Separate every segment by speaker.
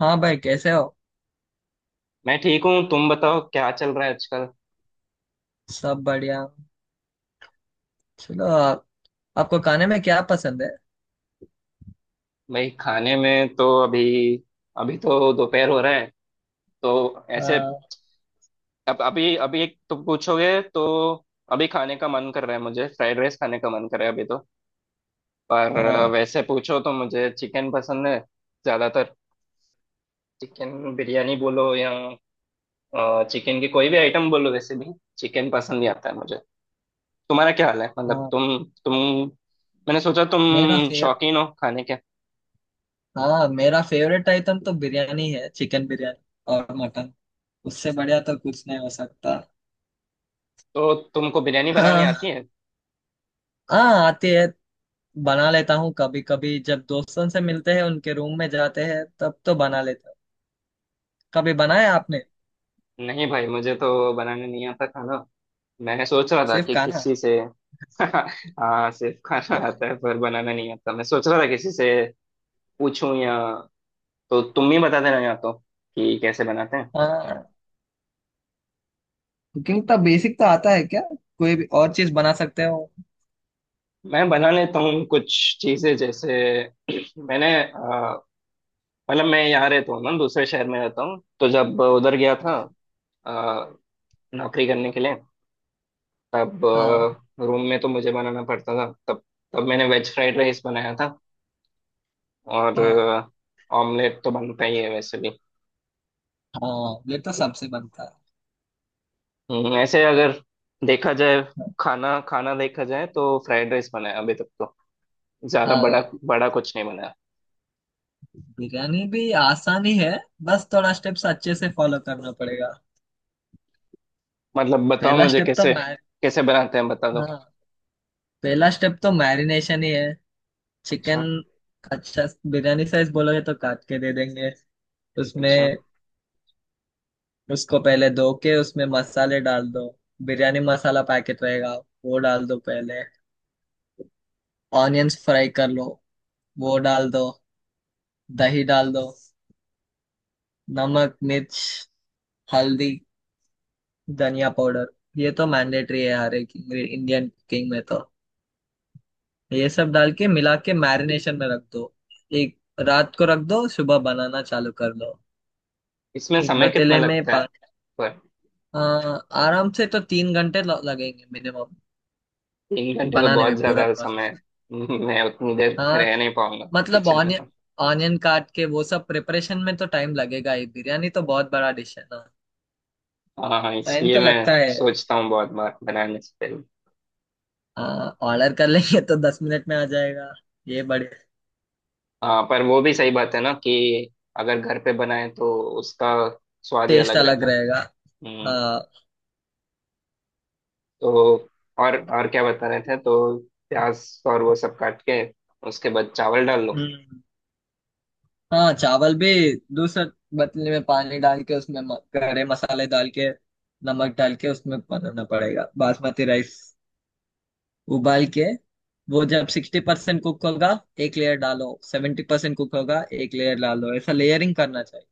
Speaker 1: हाँ भाई, कैसे हो?
Speaker 2: मैं ठीक हूँ। तुम बताओ, क्या चल रहा है आजकल?
Speaker 1: सब बढ़िया। चलो, आपको खाने में क्या पसंद है?
Speaker 2: भाई, खाने में तो अभी, अभी तो दोपहर हो रहा है। तो ऐसे,
Speaker 1: हाँ।
Speaker 2: अब अभी अभी एक तुम पूछोगे तो अभी खाने का मन कर रहा है, मुझे फ्राइड राइस खाने का मन कर रहा है अभी तो। पर
Speaker 1: हाँ।
Speaker 2: वैसे पूछो तो मुझे चिकन पसंद है, ज्यादातर। चिकन बिरयानी बोलो या चिकन की कोई भी आइटम बोलो, वैसे भी चिकन पसंद ही आता है मुझे। तुम्हारा क्या हाल है? मतलब
Speaker 1: हाँ
Speaker 2: तुम, मैंने सोचा तुम
Speaker 1: मेरा फेव
Speaker 2: शौकीन हो खाने के।
Speaker 1: हाँ, मेरा फेवरेट आइटम तो बिरयानी है, चिकन बिरयानी। और मटन। उससे बढ़िया तो कुछ नहीं हो सकता।
Speaker 2: तो तुमको बिरयानी बनानी
Speaker 1: हाँ,
Speaker 2: आती है?
Speaker 1: हाँ, आती है। बना लेता हूँ कभी कभी, जब दोस्तों से मिलते हैं, उनके रूम में जाते हैं तब तो बना लेता हूँ। कभी बनाया
Speaker 2: अच्छा।
Speaker 1: आपने?
Speaker 2: नहीं भाई, मुझे तो बनाने नहीं आता खाना। मैं सोच रहा था
Speaker 1: सिर्फ
Speaker 2: कि
Speaker 1: खाना?
Speaker 2: किसी से हाँ, सिर्फ खाना आता है, पर बनाना नहीं आता। मैं सोच रहा था किसी से पूछूं, या तो तुम ही बता देना, या तो कि कैसे बनाते हैं।
Speaker 1: हाँ, कुकिंग तो बेसिक तो आता है क्या? कोई भी और चीज बना सकते हो?
Speaker 2: मैं बना लेता हूँ कुछ चीजें जैसे मैंने मतलब मैं यहाँ रहता हूँ ना, दूसरे शहर में रहता हूँ, तो जब उधर गया था
Speaker 1: हाँ,
Speaker 2: अ, नौकरी करने के लिए, तब
Speaker 1: हाँ।
Speaker 2: रूम में तो मुझे बनाना पड़ता था। तब तब मैंने वेज फ्राइड राइस बनाया था, और
Speaker 1: हाँ,
Speaker 2: ऑमलेट तो बनता ही है वैसे भी।
Speaker 1: हाँ, ये तो सबसे बनता है।
Speaker 2: ऐसे अगर देखा जाए, खाना खाना देखा जाए, तो फ्राइड राइस बनाया अभी तक तो। ज्यादा बड़ा
Speaker 1: हाँ,
Speaker 2: बड़ा कुछ नहीं बनाया।
Speaker 1: बिरयानी भी आसान ही है। बस थोड़ा स्टेप्स अच्छे से फॉलो करना पड़ेगा।
Speaker 2: मतलब बताओ
Speaker 1: पहला
Speaker 2: मुझे,
Speaker 1: स्टेप तो
Speaker 2: कैसे,
Speaker 1: मैर
Speaker 2: कैसे बनाते हैं, बता दो।
Speaker 1: हाँ, पहला स्टेप तो मैरिनेशन ही है।
Speaker 2: अच्छा,
Speaker 1: चिकन। अच्छा। बिरयानी साइज बोलोगे तो काट के दे देंगे उसमें।
Speaker 2: अच्छा।
Speaker 1: उसको पहले धो के उसमें मसाले डाल दो। बिरयानी मसाला पैकेट रहेगा, वो डाल दो पहले। ऑनियंस फ्राई कर लो, वो डाल दो। दही डाल दो, नमक, मिर्च, हल्दी, धनिया पाउडर, ये तो मैंडेटरी है हर एक इंडियन कुकिंग में। तो ये सब डाल के, मिला के मैरिनेशन में रख दो। एक रात को रख दो, सुबह बनाना चालू कर दो।
Speaker 2: इसमें
Speaker 1: एक
Speaker 2: समय कितना
Speaker 1: पतीले में
Speaker 2: लगता है?
Speaker 1: पानी।
Speaker 2: पर
Speaker 1: आ, आराम से तो 3 घंटे लगेंगे मिनिमम,
Speaker 2: तीन घंटे तो
Speaker 1: बनाने
Speaker 2: बहुत
Speaker 1: में पूरा
Speaker 2: ज्यादा समय
Speaker 1: प्रोसेस।
Speaker 2: है। मैं उतनी देर
Speaker 1: हाँ,
Speaker 2: रह नहीं पाऊंगा
Speaker 1: मतलब
Speaker 2: किचन में।
Speaker 1: ऑनियन ऑनियन काट के वो सब प्रिपरेशन में तो टाइम लगेगा ही। बिरयानी तो बहुत बड़ा डिश है ना।
Speaker 2: हाँ, हाँ,
Speaker 1: टाइम
Speaker 2: इसलिए
Speaker 1: तो
Speaker 2: मैं
Speaker 1: लगता है।
Speaker 2: सोचता हूँ बहुत बार बनाने से पहले।
Speaker 1: हाँ, ऑर्डर कर लेंगे तो 10 मिनट में आ जाएगा। ये बड़े।
Speaker 2: हाँ, पर वो भी सही बात है ना, कि अगर घर पे बनाए तो उसका स्वाद ही
Speaker 1: टेस्ट
Speaker 2: अलग
Speaker 1: अलग
Speaker 2: रहता है।
Speaker 1: रहेगा।
Speaker 2: हम्म।
Speaker 1: हाँ।
Speaker 2: तो और क्या बता रहे थे? तो प्याज और वो सब काट के, उसके बाद चावल डाल लो।
Speaker 1: हम्म। हाँ, चावल भी दूसरे बतले में पानी डाल के, उसमें गरे मसाले डाल के, नमक डाल के उसमें बनाना पड़ेगा बासमती राइस, उबाल के। वो जब 60% कुक होगा एक लेयर डालो, 70% कुक होगा एक लेयर डालो। ऐसा लेयरिंग करना चाहिए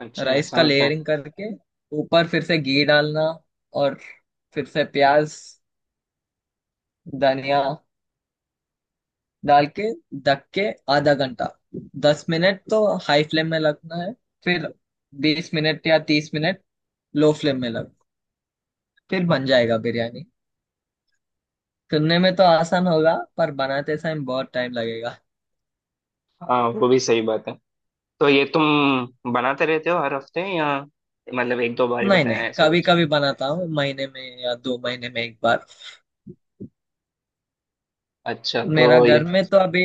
Speaker 2: अच्छा,
Speaker 1: राइस
Speaker 2: ऐसा
Speaker 1: का।
Speaker 2: होता है।
Speaker 1: लेयरिंग करके ऊपर फिर से घी डालना, और फिर से प्याज, धनिया डाल के, ढक के आधा घंटा। 10 मिनट तो हाई फ्लेम में लगना है, फिर 20 मिनट या 30 मिनट लो फ्लेम में लग। फिर बन जाएगा बिरयानी। सुनने में तो आसान होगा पर बनाते समय बहुत टाइम लगेगा।
Speaker 2: हाँ, वो भी सही बात है। तो ये तुम बनाते रहते हो हर हफ्ते, या मतलब एक दो बार ही
Speaker 1: नहीं,
Speaker 2: बनाया
Speaker 1: नहीं,
Speaker 2: है ऐसा
Speaker 1: कभी
Speaker 2: कुछ?
Speaker 1: कभी बनाता हूँ, महीने में या 2 महीने में एक बार।
Speaker 2: अच्छा, तो
Speaker 1: मेरा घर
Speaker 2: ये
Speaker 1: में तो अभी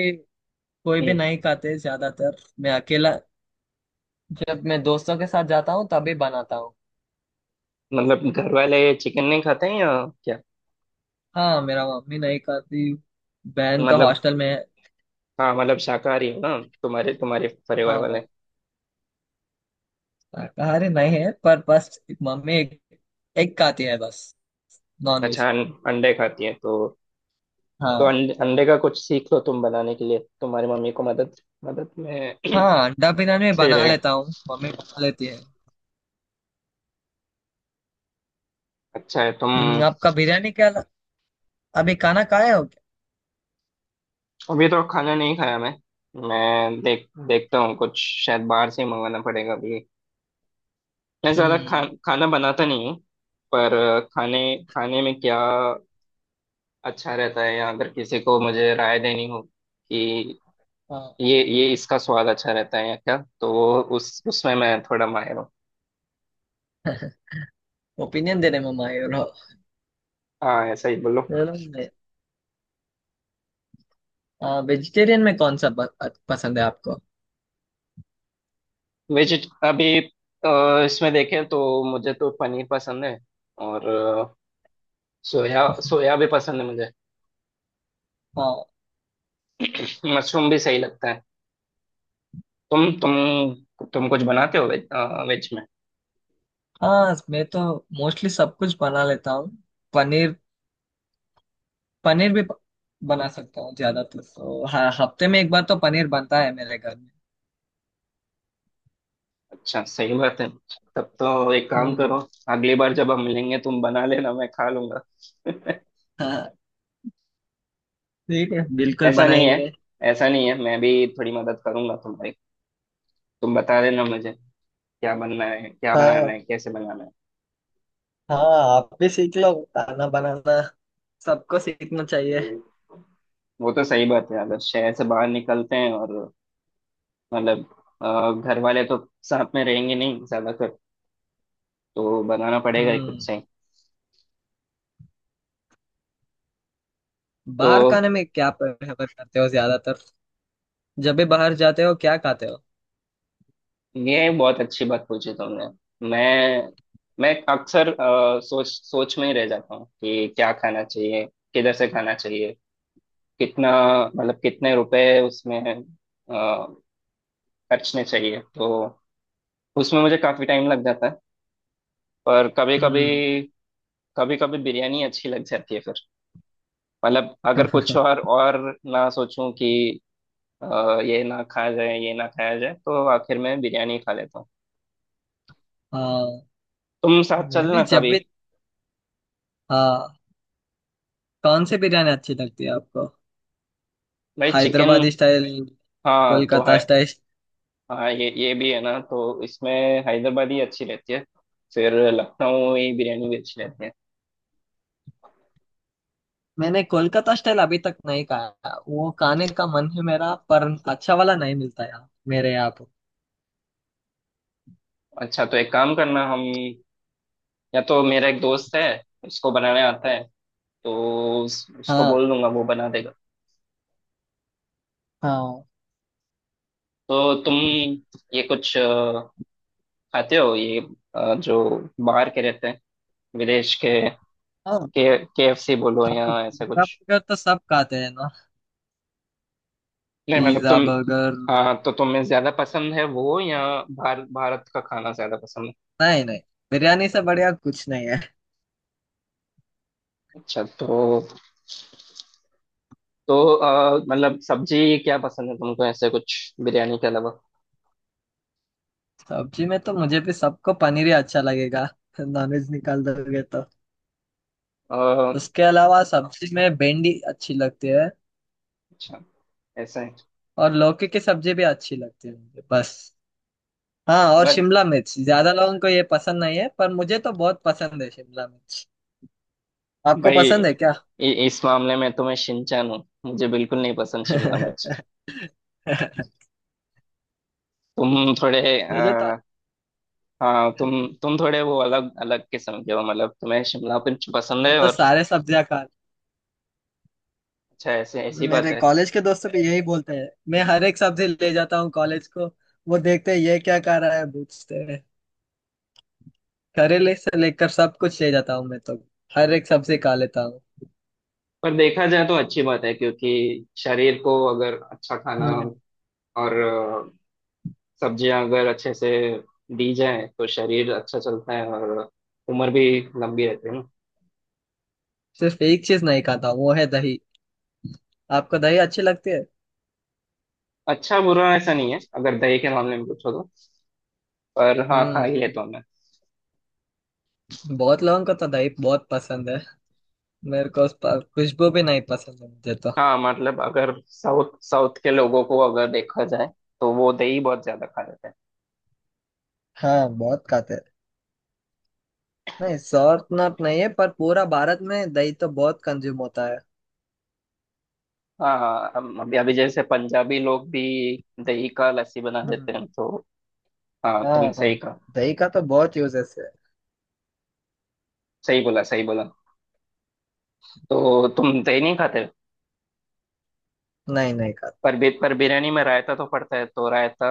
Speaker 1: कोई भी
Speaker 2: हम्म,
Speaker 1: नहीं खाते, ज्यादातर मैं अकेला। जब मैं दोस्तों के साथ जाता हूँ तभी बनाता हूँ।
Speaker 2: मतलब घर वाले चिकन नहीं खाते हैं या क्या?
Speaker 1: हाँ, मेरा मम्मी नहीं खाती। बहन तो
Speaker 2: मतलब
Speaker 1: हॉस्टल में है।
Speaker 2: हाँ, मतलब शाकाहारी हो ना, तुम्हारे तुम्हारे परिवार वाले?
Speaker 1: हाँ, शाकाहारी नहीं है पर बस मम्मी एक खाती है बस, नॉनवेज।
Speaker 2: अच्छा, अंडे खाती है तो
Speaker 1: हाँ,
Speaker 2: अंडे का कुछ सीख लो तुम बनाने के लिए, तुम्हारी मम्मी को मदद, मदद में
Speaker 1: हाँ, अंडा बिरयानी मैं
Speaker 2: सही
Speaker 1: बना
Speaker 2: रहे,
Speaker 1: लेता हूँ, मम्मी बना लेती है।
Speaker 2: अच्छा है तुम।
Speaker 1: आपका बिरयानी क्या अभी खाना खाए हो क्या?
Speaker 2: अभी तो खाना नहीं खाया मैं। मैं देखता हूँ कुछ, शायद बाहर से ही मंगाना पड़ेगा अभी। मैं ज्यादा
Speaker 1: हम्म।
Speaker 2: खाना बनाता नहीं हूँ, पर खाने खाने में क्या अच्छा रहता है, या अगर किसी को मुझे राय देनी हो कि
Speaker 1: हाँ।
Speaker 2: ये इसका स्वाद अच्छा रहता है या क्या, तो वो उस उसमें मैं थोड़ा माहिर हूँ।
Speaker 1: ओपिनियन देने में माहिर हो।
Speaker 2: हाँ, ऐसा ही बोलो।
Speaker 1: चलो, वेजिटेरियन में कौन सा पसंद है आपको?
Speaker 2: वेजिट अभी इसमें देखें तो मुझे तो पनीर पसंद है, और सोया सोया भी पसंद है मुझे,
Speaker 1: हाँ,
Speaker 2: मशरूम भी सही लगता है। तुम कुछ बनाते हो वेज में?
Speaker 1: हाँ, मैं तो मोस्टली सब कुछ बना लेता हूँ। पनीर। पनीर भी बना सकता हूँ ज्यादातर, तो हाँ, हफ्ते में एक बार तो पनीर बनता है मेरे घर में।
Speaker 2: अच्छा, सही बात है। तब तो एक काम
Speaker 1: हम्म,
Speaker 2: करो, अगली बार जब हम मिलेंगे, तुम बना लेना, मैं खा लूंगा।
Speaker 1: हाँ, ठीक है, बिल्कुल
Speaker 2: ऐसा नहीं है,
Speaker 1: बनाएंगे।
Speaker 2: ऐसा नहीं है, मैं भी थोड़ी मदद करूंगा तुम्हारी। तुम बता देना मुझे क्या बनना है, क्या बनाना
Speaker 1: हाँ,
Speaker 2: है, कैसे बनाना है।
Speaker 1: हाँ, आप भी सीख लो खाना बनाना, सबको सीखना चाहिए।
Speaker 2: वो तो सही बात है, अगर शहर से बाहर निकलते हैं और, मतलब घर वाले तो साथ में रहेंगे नहीं ज्यादातर, तो बनाना पड़ेगा ही खुद
Speaker 1: हम्म,
Speaker 2: से ही। तो
Speaker 1: बाहर खाने में क्या प्रेफर करते हो ज्यादातर? जब भी बाहर जाते हो क्या खाते हो?
Speaker 2: ये बहुत अच्छी बात पूछी तुमने। मैं मैं अक्सर सोच सोच में ही रह जाता हूँ कि क्या खाना चाहिए, किधर से खाना चाहिए, कितना, मतलब कितने रुपए उसमें अ, खर्चने चाहिए, तो उसमें मुझे काफी टाइम लग जाता है। पर कभी कभी
Speaker 1: हम्म।
Speaker 2: कभी कभी बिरयानी अच्छी लग जाती है फिर। मतलब अगर कुछ और ना सोचूं कि ये ना खाया जाए, ये ना खाया जाए, तो आखिर में बिरयानी खा लेता हूँ।
Speaker 1: हाँ,
Speaker 2: तुम साथ
Speaker 1: मैं भी
Speaker 2: चलना
Speaker 1: जब
Speaker 2: कभी।
Speaker 1: भी। हाँ, कौन सी बिरयानी अच्छी लगती है आपको?
Speaker 2: भाई चिकन।
Speaker 1: हैदराबादी स्टाइल?
Speaker 2: हाँ, तो है।
Speaker 1: कोलकाता स्टाइल?
Speaker 2: हाँ, ये भी है ना, तो इसमें हैदराबादी अच्छी रहती है, फिर लखनवी बिरयानी भी अच्छी रहती है।
Speaker 1: मैंने कोलकाता स्टाइल अभी तक नहीं खाया, वो खाने का मन है मेरा, पर अच्छा वाला नहीं मिलता यार मेरे यहाँ पर।
Speaker 2: अच्छा, तो एक काम करना, हम, या तो मेरा एक दोस्त है, उसको बनाने आता है, तो उसको
Speaker 1: हाँ,
Speaker 2: बोल दूंगा, वो बना देगा।
Speaker 1: हाँ।
Speaker 2: तो तुम ये कुछ खाते हो, ये जो बाहर के रहते हैं, विदेश के
Speaker 1: हाँ,
Speaker 2: के KFC बोलो या
Speaker 1: हाँ,
Speaker 2: ऐसा
Speaker 1: पिज्जा
Speaker 2: कुछ?
Speaker 1: बर्गर तो सब खाते हैं ना।
Speaker 2: नहीं, मतलब
Speaker 1: पिज्जा
Speaker 2: तुम,
Speaker 1: बर्गर।
Speaker 2: हाँ, तो तुम्हें ज्यादा पसंद है वो, या भारत भारत का खाना ज्यादा पसंद है?
Speaker 1: नहीं, नहीं, बिरयानी से बढ़िया कुछ नहीं है।
Speaker 2: अच्छा, तो मतलब सब्जी क्या पसंद है तुमको, ऐसे कुछ बिरयानी के अलावा?
Speaker 1: सब्जी में तो मुझे भी, सबको पनीर ही अच्छा लगेगा, नॉनवेज निकाल दोगे तो।
Speaker 2: अ,
Speaker 1: उसके अलावा सब्जी में भिंडी अच्छी लगती है,
Speaker 2: अच्छा ऐसा है,
Speaker 1: और लौकी की सब्जी भी अच्छी लगती है मुझे बस। हाँ, और
Speaker 2: बस।
Speaker 1: शिमला मिर्च ज्यादा लोगों को ये पसंद नहीं है, पर मुझे तो बहुत पसंद है शिमला मिर्च। आपको
Speaker 2: भाई, इ,
Speaker 1: पसंद है क्या?
Speaker 2: इस मामले में तो मैं शिनचैन हूँ, मुझे बिल्कुल नहीं पसंद शिमला मिर्च। तुम थोड़े
Speaker 1: मुझे तो।
Speaker 2: हाँ, तुम थोड़े वो अलग अलग किस्म के हो, मतलब तुम्हें शिमला मिर्च पसंद
Speaker 1: मैं
Speaker 2: है
Speaker 1: तो
Speaker 2: और
Speaker 1: सारे सब्जियां खा।
Speaker 2: अच्छा, ऐसे ऐसी बात
Speaker 1: मेरे
Speaker 2: है।
Speaker 1: कॉलेज के दोस्तों भी यही बोलते हैं, मैं हर एक सब्जी ले जाता हूँ कॉलेज को। वो देखते हैं ये क्या खा रहा है, पूछते हैं। करेले से लेकर सब कुछ ले जाता हूँ मैं तो। हर एक सब्जी खा लेता हूँ।
Speaker 2: पर देखा जाए तो अच्छी बात है, क्योंकि शरीर को अगर अच्छा खाना,
Speaker 1: हम्म,
Speaker 2: और सब्जियां अगर अच्छे से दी जाए तो शरीर अच्छा चलता है, और उम्र भी लंबी रहती है ना।
Speaker 1: सिर्फ एक चीज नहीं खाता, वो है दही। आपको दही अच्छी लगती है?
Speaker 2: अच्छा बुरा ऐसा नहीं है, अगर दही के मामले में पूछो तो। पर हाँ, खा ही
Speaker 1: हम्म।
Speaker 2: लेता हूँ मैं।
Speaker 1: बहुत लोगों को तो दही बहुत पसंद है। मेरे को उस पर खुशबू भी नहीं पसंद है मुझे तो।
Speaker 2: हाँ, मतलब अगर साउथ साउथ के लोगों को अगर देखा जाए, तो वो दही बहुत ज्यादा खा लेते हैं।
Speaker 1: हाँ, बहुत खाते हैं। नहीं, सॉर्थ नॉट नहीं है, पर पूरा भारत में दही तो बहुत कंज्यूम होता है।
Speaker 2: हाँ, हाँ, अभी अभी जैसे पंजाबी लोग भी दही का लस्सी बना देते
Speaker 1: हम्म,
Speaker 2: हैं तो। हाँ, तुमने सही
Speaker 1: हाँ,
Speaker 2: कहा।
Speaker 1: दही का तो बहुत यूजेस है।
Speaker 2: सही बोला, सही बोला। तो तुम दही नहीं खाते?
Speaker 1: नहीं, नहीं खाता।
Speaker 2: पर बिरयानी में रायता तो पड़ता है, तो रायता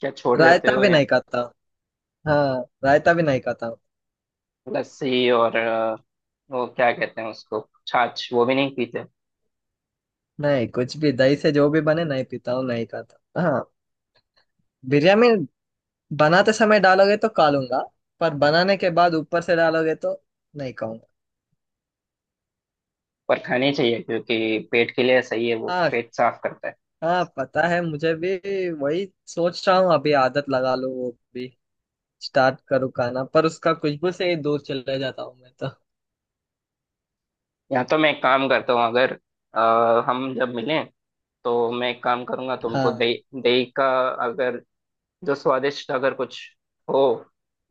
Speaker 2: क्या छोड़ देते
Speaker 1: रायता
Speaker 2: हो,
Speaker 1: भी
Speaker 2: या
Speaker 1: नहीं खाता। हाँ, रायता भी नहीं खाता हूँ।
Speaker 2: लस्सी और वो क्या कहते हैं उसको, छाछ वो भी नहीं पीते?
Speaker 1: नहीं, कुछ भी दही से जो भी बने नहीं पीता हूँ, नहीं खाता। हाँ, बिरयानी बनाते समय डालोगे तो खा लूंगा, पर बनाने के बाद ऊपर से डालोगे तो नहीं खाऊंगा।
Speaker 2: पर खानी चाहिए, क्योंकि पेट के लिए सही है, वो
Speaker 1: हाँ,
Speaker 2: पेट साफ करता है।
Speaker 1: हाँ, पता है मुझे भी। वही सोच रहा हूँ अभी, आदत लगा लूँ वो भी, स्टार्ट करूँ खाना, पर उसका खुशबू से ही दूर चले जाता हूँ मैं तो।
Speaker 2: या तो मैं एक काम करता हूँ, अगर हम जब मिलें तो मैं एक काम करूंगा तुमको
Speaker 1: हाँ,
Speaker 2: दही दही का अगर जो स्वादिष्ट अगर कुछ हो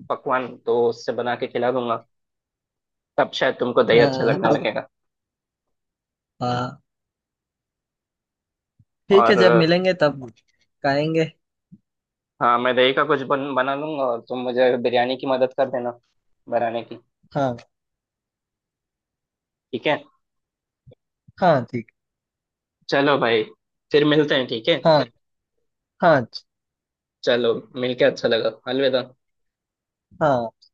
Speaker 2: पकवान, तो उससे बना के खिला दूंगा, तब शायद तुमको दही अच्छा
Speaker 1: हाँ,
Speaker 2: लगने
Speaker 1: अब।
Speaker 2: लगेगा।
Speaker 1: हाँ, ठीक है,
Speaker 2: और
Speaker 1: जब मिलेंगे तब खाएंगे।
Speaker 2: हाँ, मैं दही का कुछ बना लूंगा, और तुम मुझे बिरयानी की मदद कर देना बनाने की।
Speaker 1: हाँ,
Speaker 2: ठीक है?
Speaker 1: हाँ, ठीक।
Speaker 2: चलो भाई, फिर मिलते हैं ठीक है।
Speaker 1: हाँ, हाँ,
Speaker 2: चलो, मिलके अच्छा लगा, अलविदा।
Speaker 1: हाँ।